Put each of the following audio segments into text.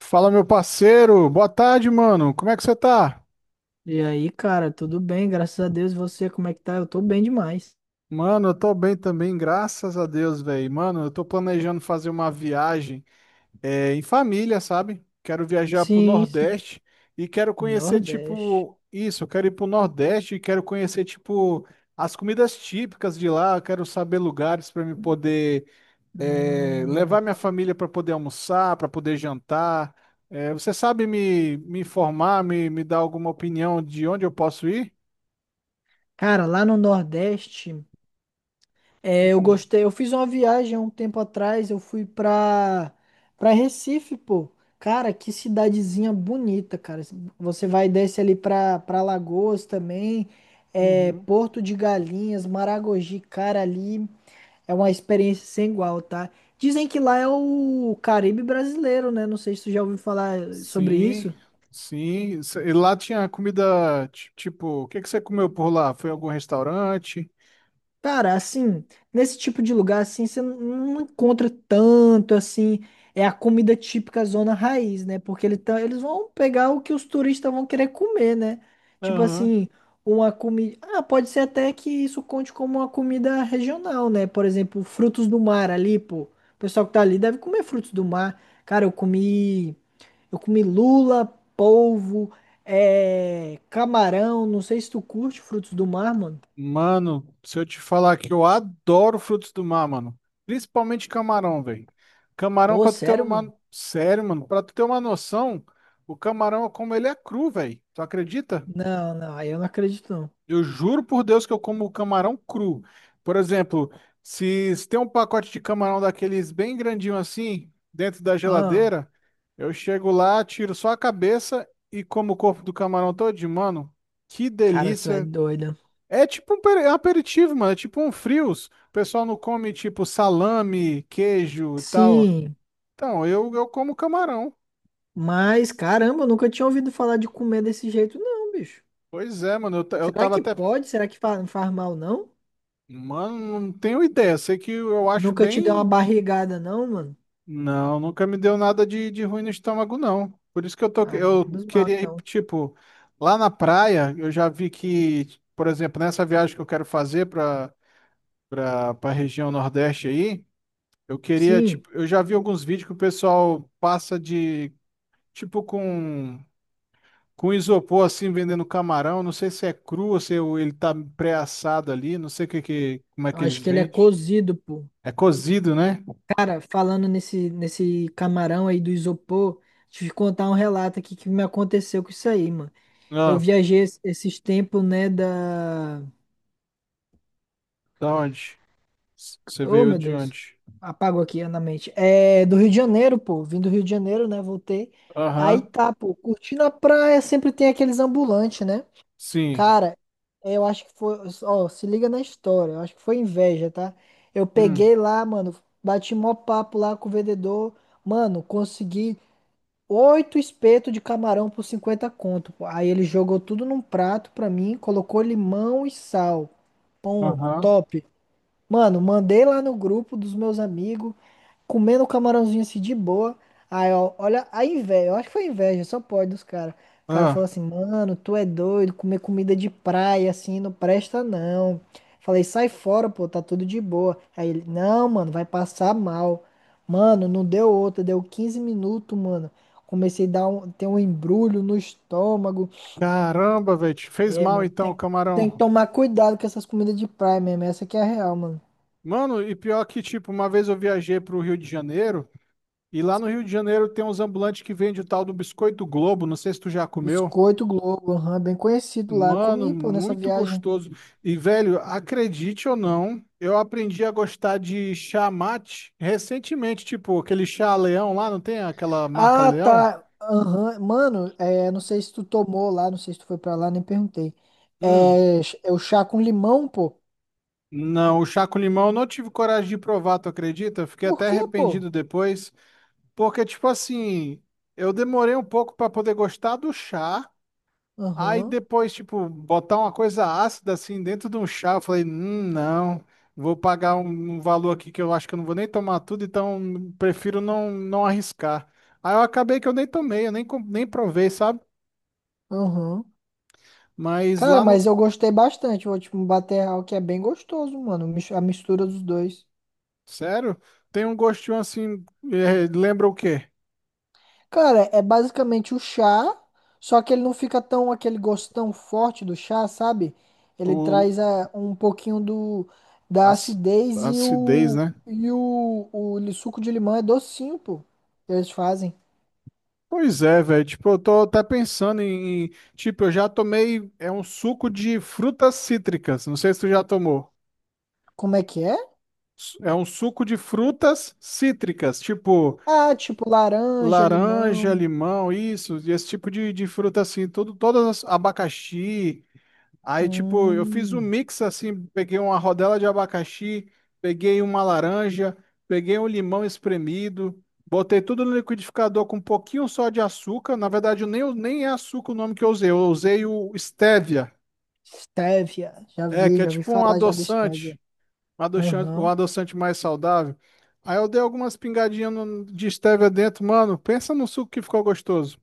Fala, meu parceiro. Boa tarde, mano. Como é que você tá? E aí, cara, tudo bem? Graças a Deus. E você, como é que tá? Eu tô bem demais. Mano, eu tô bem também, graças a Deus, velho. Mano, eu tô planejando fazer uma viagem em família, sabe? Quero viajar pro Sim, sim. Nordeste e quero conhecer, Nordeste. tipo, isso. Eu quero ir pro Nordeste e quero conhecer, tipo, as comidas típicas de lá. Eu quero saber lugares pra me poder Hum. levar minha família pra poder almoçar, pra poder jantar. É, você sabe me informar, me dar alguma opinião de onde eu posso ir? Cara, lá no Nordeste, eu Hum, gostei. Eu fiz uma viagem há um tempo atrás. Eu fui pra Recife, pô. Cara, que cidadezinha bonita, cara. Você vai e desce ali pra Lagoas também. É, uhum. Porto de Galinhas, Maragogi, cara, ali. É uma experiência sem igual, tá? Dizem que lá é o Caribe brasileiro, né? Não sei se tu já ouviu falar sobre Sim, isso. sim. E lá tinha comida, tipo, o que que você comeu por lá? Foi em algum restaurante? Cara, assim, nesse tipo de lugar, assim, você não encontra tanto, assim, é a comida típica zona raiz, né? Porque eles vão pegar o que os turistas vão querer comer, né? Tipo Aham. assim, uma comida... Ah, pode ser até que isso conte como uma comida regional, né? Por exemplo, frutos do mar ali, pô. O pessoal que tá ali deve comer frutos do mar. Cara, eu comi... Eu comi lula, polvo, camarão. Não sei se tu curte frutos do mar, mano. Mano, se eu te falar que eu adoro frutos do mar, mano. Principalmente camarão, velho. Camarão, Pô, pra tu ter sério, mano? uma... Sério, mano, pra tu ter uma noção, o camarão, eu como ele é cru, velho. Tu acredita? Não, não, aí eu não acredito, não. Eu juro por Deus que eu como camarão cru. Por exemplo, se tem um pacote de camarão daqueles bem grandinho assim, dentro da Ah, geladeira, eu chego lá, tiro só a cabeça e como o corpo do camarão todinho, mano. Que cara, tu é delícia. doida. É é um aperitivo, mano. É tipo um frios. O pessoal não come tipo salame, queijo e tal. Sim, Então, eu como camarão. mas caramba, eu nunca tinha ouvido falar de comer desse jeito, não, bicho. Pois é, mano. Eu Será tava que até. pode? Será que faz mal, não? Mano, não tenho ideia. Sei que eu acho Nunca te deu uma bem. barrigada, não, mano? Não, nunca me deu nada de ruim no estômago, não. Por isso que eu tô, Ah, eu menos mal, queria ir, então. tipo, lá na praia, eu já vi que, por exemplo, nessa viagem que eu quero fazer para a região Nordeste aí, eu queria, Sim, tipo, eu já vi alguns vídeos que o pessoal passa de, tipo, com isopor, assim, vendendo camarão. Não sei se é cru ou se o- ele tá pré-assado ali, não sei o que, que, como é eu que acho eles que ele é vendem. cozido, pô. É cozido, né? Cara, falando nesse camarão aí do isopor, deixa eu te contar um relato aqui que me aconteceu com isso aí, mano. Eu Ah, viajei esses tempos, né, da... da onde? Você Oh, veio meu de Deus. onde? Apago aqui na mente. É, do Rio de Janeiro, pô. Vim do Rio de Janeiro, né, voltei. Aí Aham, tá, pô, curtindo a praia, sempre tem aqueles ambulantes, né? sim. Cara, eu acho que foi... Ó, se liga na história. Eu acho que foi inveja, tá? Eu Hum, peguei lá, mano, bati mó papo lá com o vendedor. Mano, consegui 8 espetos de camarão por 50 conto, pô. Aí ele jogou tudo num prato pra mim, colocou limão e sal. Pão, aham. top. Mano, mandei lá no grupo dos meus amigos comendo o camarãozinho assim de boa. Aí, ó, olha a inveja, eu acho que foi inveja, só pode dos caras. O cara falou Ah, assim, mano, tu é doido, comer comida de praia assim não presta não. Falei, sai fora, pô, tá tudo de boa. Aí ele, não, mano, vai passar mal. Mano, não deu outra, deu 15 minutos, mano. Comecei a dar um, ter um embrulho no estômago. caramba, velho, te fez É, mal mano, então, tem que camarão. tomar cuidado com essas comidas de praia mesmo, essa que é a real, mano. Mano, e pior que, tipo, uma vez eu viajei pro Rio de Janeiro, e lá no Rio de Janeiro tem uns ambulantes que vendem o tal do Biscoito Globo, não sei se tu já comeu. Biscoito Globo, aham, bem conhecido lá. Mano, Comi, pô, nessa muito viagem. gostoso. E, velho, acredite ou não, eu aprendi a gostar de chá mate recentemente, tipo, aquele chá Leão lá, não tem aquela marca Ah, Leão? tá. Aham. Mano, é, não sei se tu tomou lá, não sei se tu foi pra lá, nem perguntei. Hum, É, é o chá com limão, pô. Não, o chá com limão eu não tive coragem de provar, tu acredita? Eu fiquei Por até quê, pô? arrependido depois, porque, tipo assim, eu demorei um pouco pra poder gostar do chá, aí Aham, depois, tipo, botar uma coisa ácida assim dentro de um chá, eu falei, não, vou pagar um valor aqui que eu acho que eu não vou nem tomar tudo, então prefiro não, não arriscar. Aí eu acabei que eu nem tomei, eu nem, com- nem provei, sabe? aham. Mas Cara, lá no. mas eu gostei bastante. Vou, tipo, bater real que é bem gostoso, mano. A mistura dos dois. Sério, tem um gostinho assim, lembra o quê? Cara, é basicamente o chá, só que ele não fica tão aquele gosto tão forte do chá, sabe? Ele O traz a, um pouquinho do da Ac- acidez e Acidez, o né? e o, o li- suco de limão é docinho, pô, que eles fazem. Pois é, velho. Tipo, eu tô até pensando em. Em- Tipo, eu já tomei. É um suco de frutas cítricas. Não sei se tu já tomou. Como é que é? É um suco de frutas cítricas. Tipo, Ah, tipo laranja, laranja, limão. limão, isso. Esse tipo de fruta assim. Tudo, todas as. Abacaxi. Aí, tipo, eu fiz um Hum, mix assim, peguei uma rodela de abacaxi, peguei uma laranja, peguei um limão espremido, botei tudo no liquidificador com um pouquinho só de açúcar. Na verdade, nem é açúcar o nome que eu usei o stevia, stevia. É, que é Já vi tipo um falar já do adoçante, stevia. Um Aham. adoçante mais saudável. Aí eu dei algumas pingadinhas de stevia dentro, mano, pensa no suco que ficou gostoso.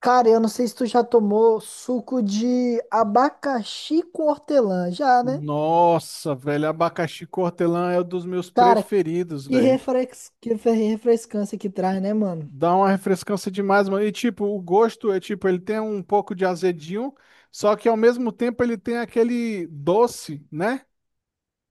Cara, eu não sei se tu já tomou suco de abacaxi com hortelã, já, né? Nossa, velho, abacaxi hortelã é um dos meus Cara, preferidos, que velho. Refrescância que traz, né, mano? Dá uma refrescância demais, mano. E tipo, o gosto é tipo, ele tem um pouco de azedinho, só que ao mesmo tempo ele tem aquele doce, né?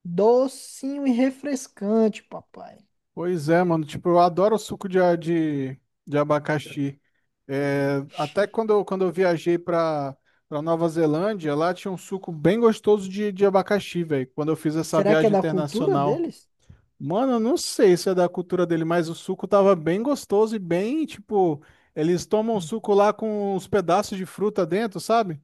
Docinho e refrescante, papai. Pois é, mano. Tipo, eu adoro o suco de abacaxi. É, até quando eu viajei pra Nova Zelândia, lá tinha um suco bem gostoso de abacaxi, velho. Quando eu fiz essa Será que é viagem da cultura internacional. deles? Mano, eu não sei se é da cultura dele, mas o suco tava bem gostoso e bem, tipo, eles tomam Hum. suco lá com uns pedaços de fruta dentro, sabe?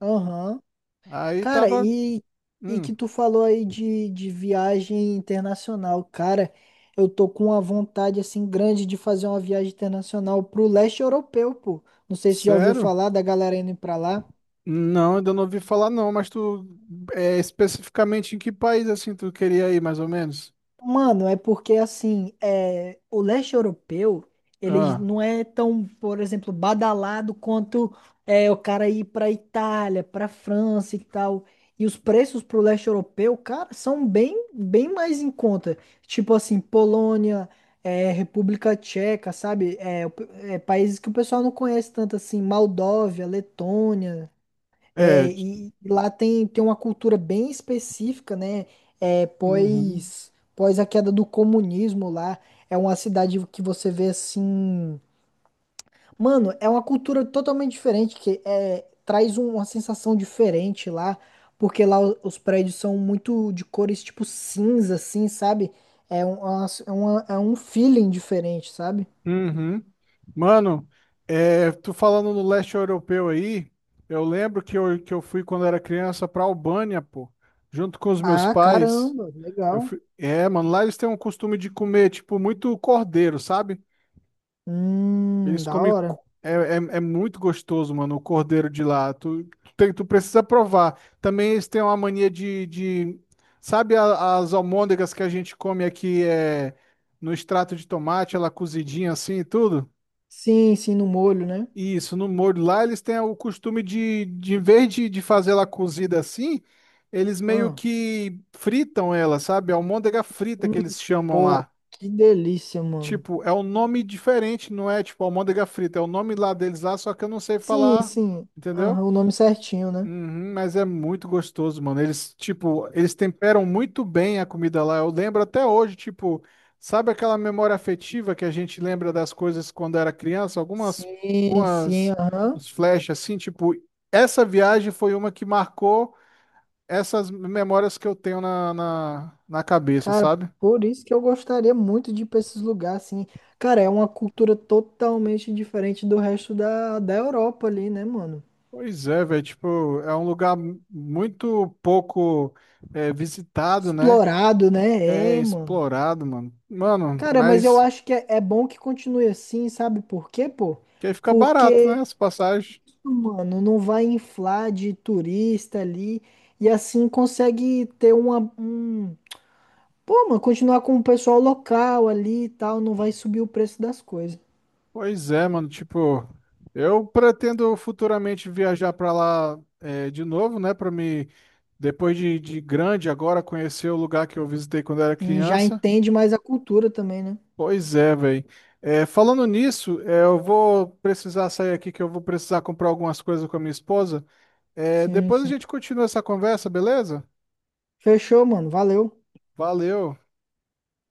Aham. Aí Cara, tava, e hum, que tu falou aí de viagem internacional. Cara, eu tô com uma vontade, assim, grande de fazer uma viagem internacional pro leste europeu, pô. Não sei se já ouviu sério? falar da galera indo pra lá. Não, ainda não ouvi falar não, mas tu é especificamente em que país assim tu queria ir, mais ou menos? Mano, é porque assim, é, o leste europeu, ele Ah, não é tão, por exemplo, badalado quanto o cara ir pra Itália, pra França e tal. E os preços pro leste europeu, cara, são bem, bem mais em conta. Tipo assim, Polônia, é, República Tcheca, sabe? É, é, países que o pessoal não conhece tanto assim, Moldóvia, Letônia. é. É, t- e lá tem, tem uma cultura bem específica, né? É, uhum, pós a queda do comunismo lá. É uma cidade que você vê assim. Mano, é uma cultura totalmente diferente, que é, traz uma sensação diferente lá, porque lá os prédios são muito de cores tipo cinza, assim, sabe? É um feeling diferente, sabe? uhum. Mano, é, tu falando no leste europeu aí, eu lembro que que eu fui quando era criança pra Albânia, pô, junto com os meus Ah, pais. caramba, Eu legal. fui... É, mano, lá eles têm um costume de comer, tipo, muito cordeiro, sabe? Da hora. É, é muito gostoso, mano, o cordeiro de lá. Tu precisa provar. Também eles têm uma mania de... Sabe as almôndegas que a gente come aqui é, no extrato de tomate, ela cozidinha assim e tudo? Sim, sim, no molho, né? Isso, no molho lá eles têm o costume de em vez de fazer ela cozida assim, eles meio Ah. que fritam ela, sabe? A almôndega frita Hum, que eles chamam pô, lá. que delícia, mano. Tipo, é um nome diferente, não é tipo almôndega frita, é o nome lá deles lá, só que eu não sei Sim, falar, sim. Aham, entendeu? o nome certinho, né? Uhum, mas é muito gostoso, mano. Eles temperam muito bem a comida lá. Eu lembro até hoje, tipo, sabe aquela memória afetiva que a gente lembra das coisas quando era criança? Algumas, Sim, sim, umas, aham. uns flash assim, tipo, essa viagem foi uma que marcou essas memórias que eu tenho na cabeça, Cara, sabe? por isso que eu gostaria muito de ir pra esses lugares, assim. Cara, é uma cultura totalmente diferente do resto da Europa ali, né, mano? Pois é, velho, tipo, é um lugar muito pouco visitado, né? Explorado, É né? É, mano. explorado, mano. Mano, Cara, mas eu mas acho é bom que continue assim, sabe por quê, pô? que aí fica barato, né? Porque, As passagens. mano, não vai inflar de turista ali e assim consegue ter uma, um pô, mano, continuar com o pessoal local ali e tal, não vai subir o preço das coisas. Pois é, mano, tipo, eu pretendo futuramente viajar pra lá de novo, né? Depois de grande, agora conhecer o lugar que eu visitei quando era Sim, já criança. entende mais a cultura também, né? Pois é, velho. É, falando nisso, é, eu vou precisar sair aqui que eu vou precisar comprar algumas coisas com a minha esposa. É, Sim, depois a sim. gente continua essa conversa, beleza? Fechou, mano. Valeu. Valeu.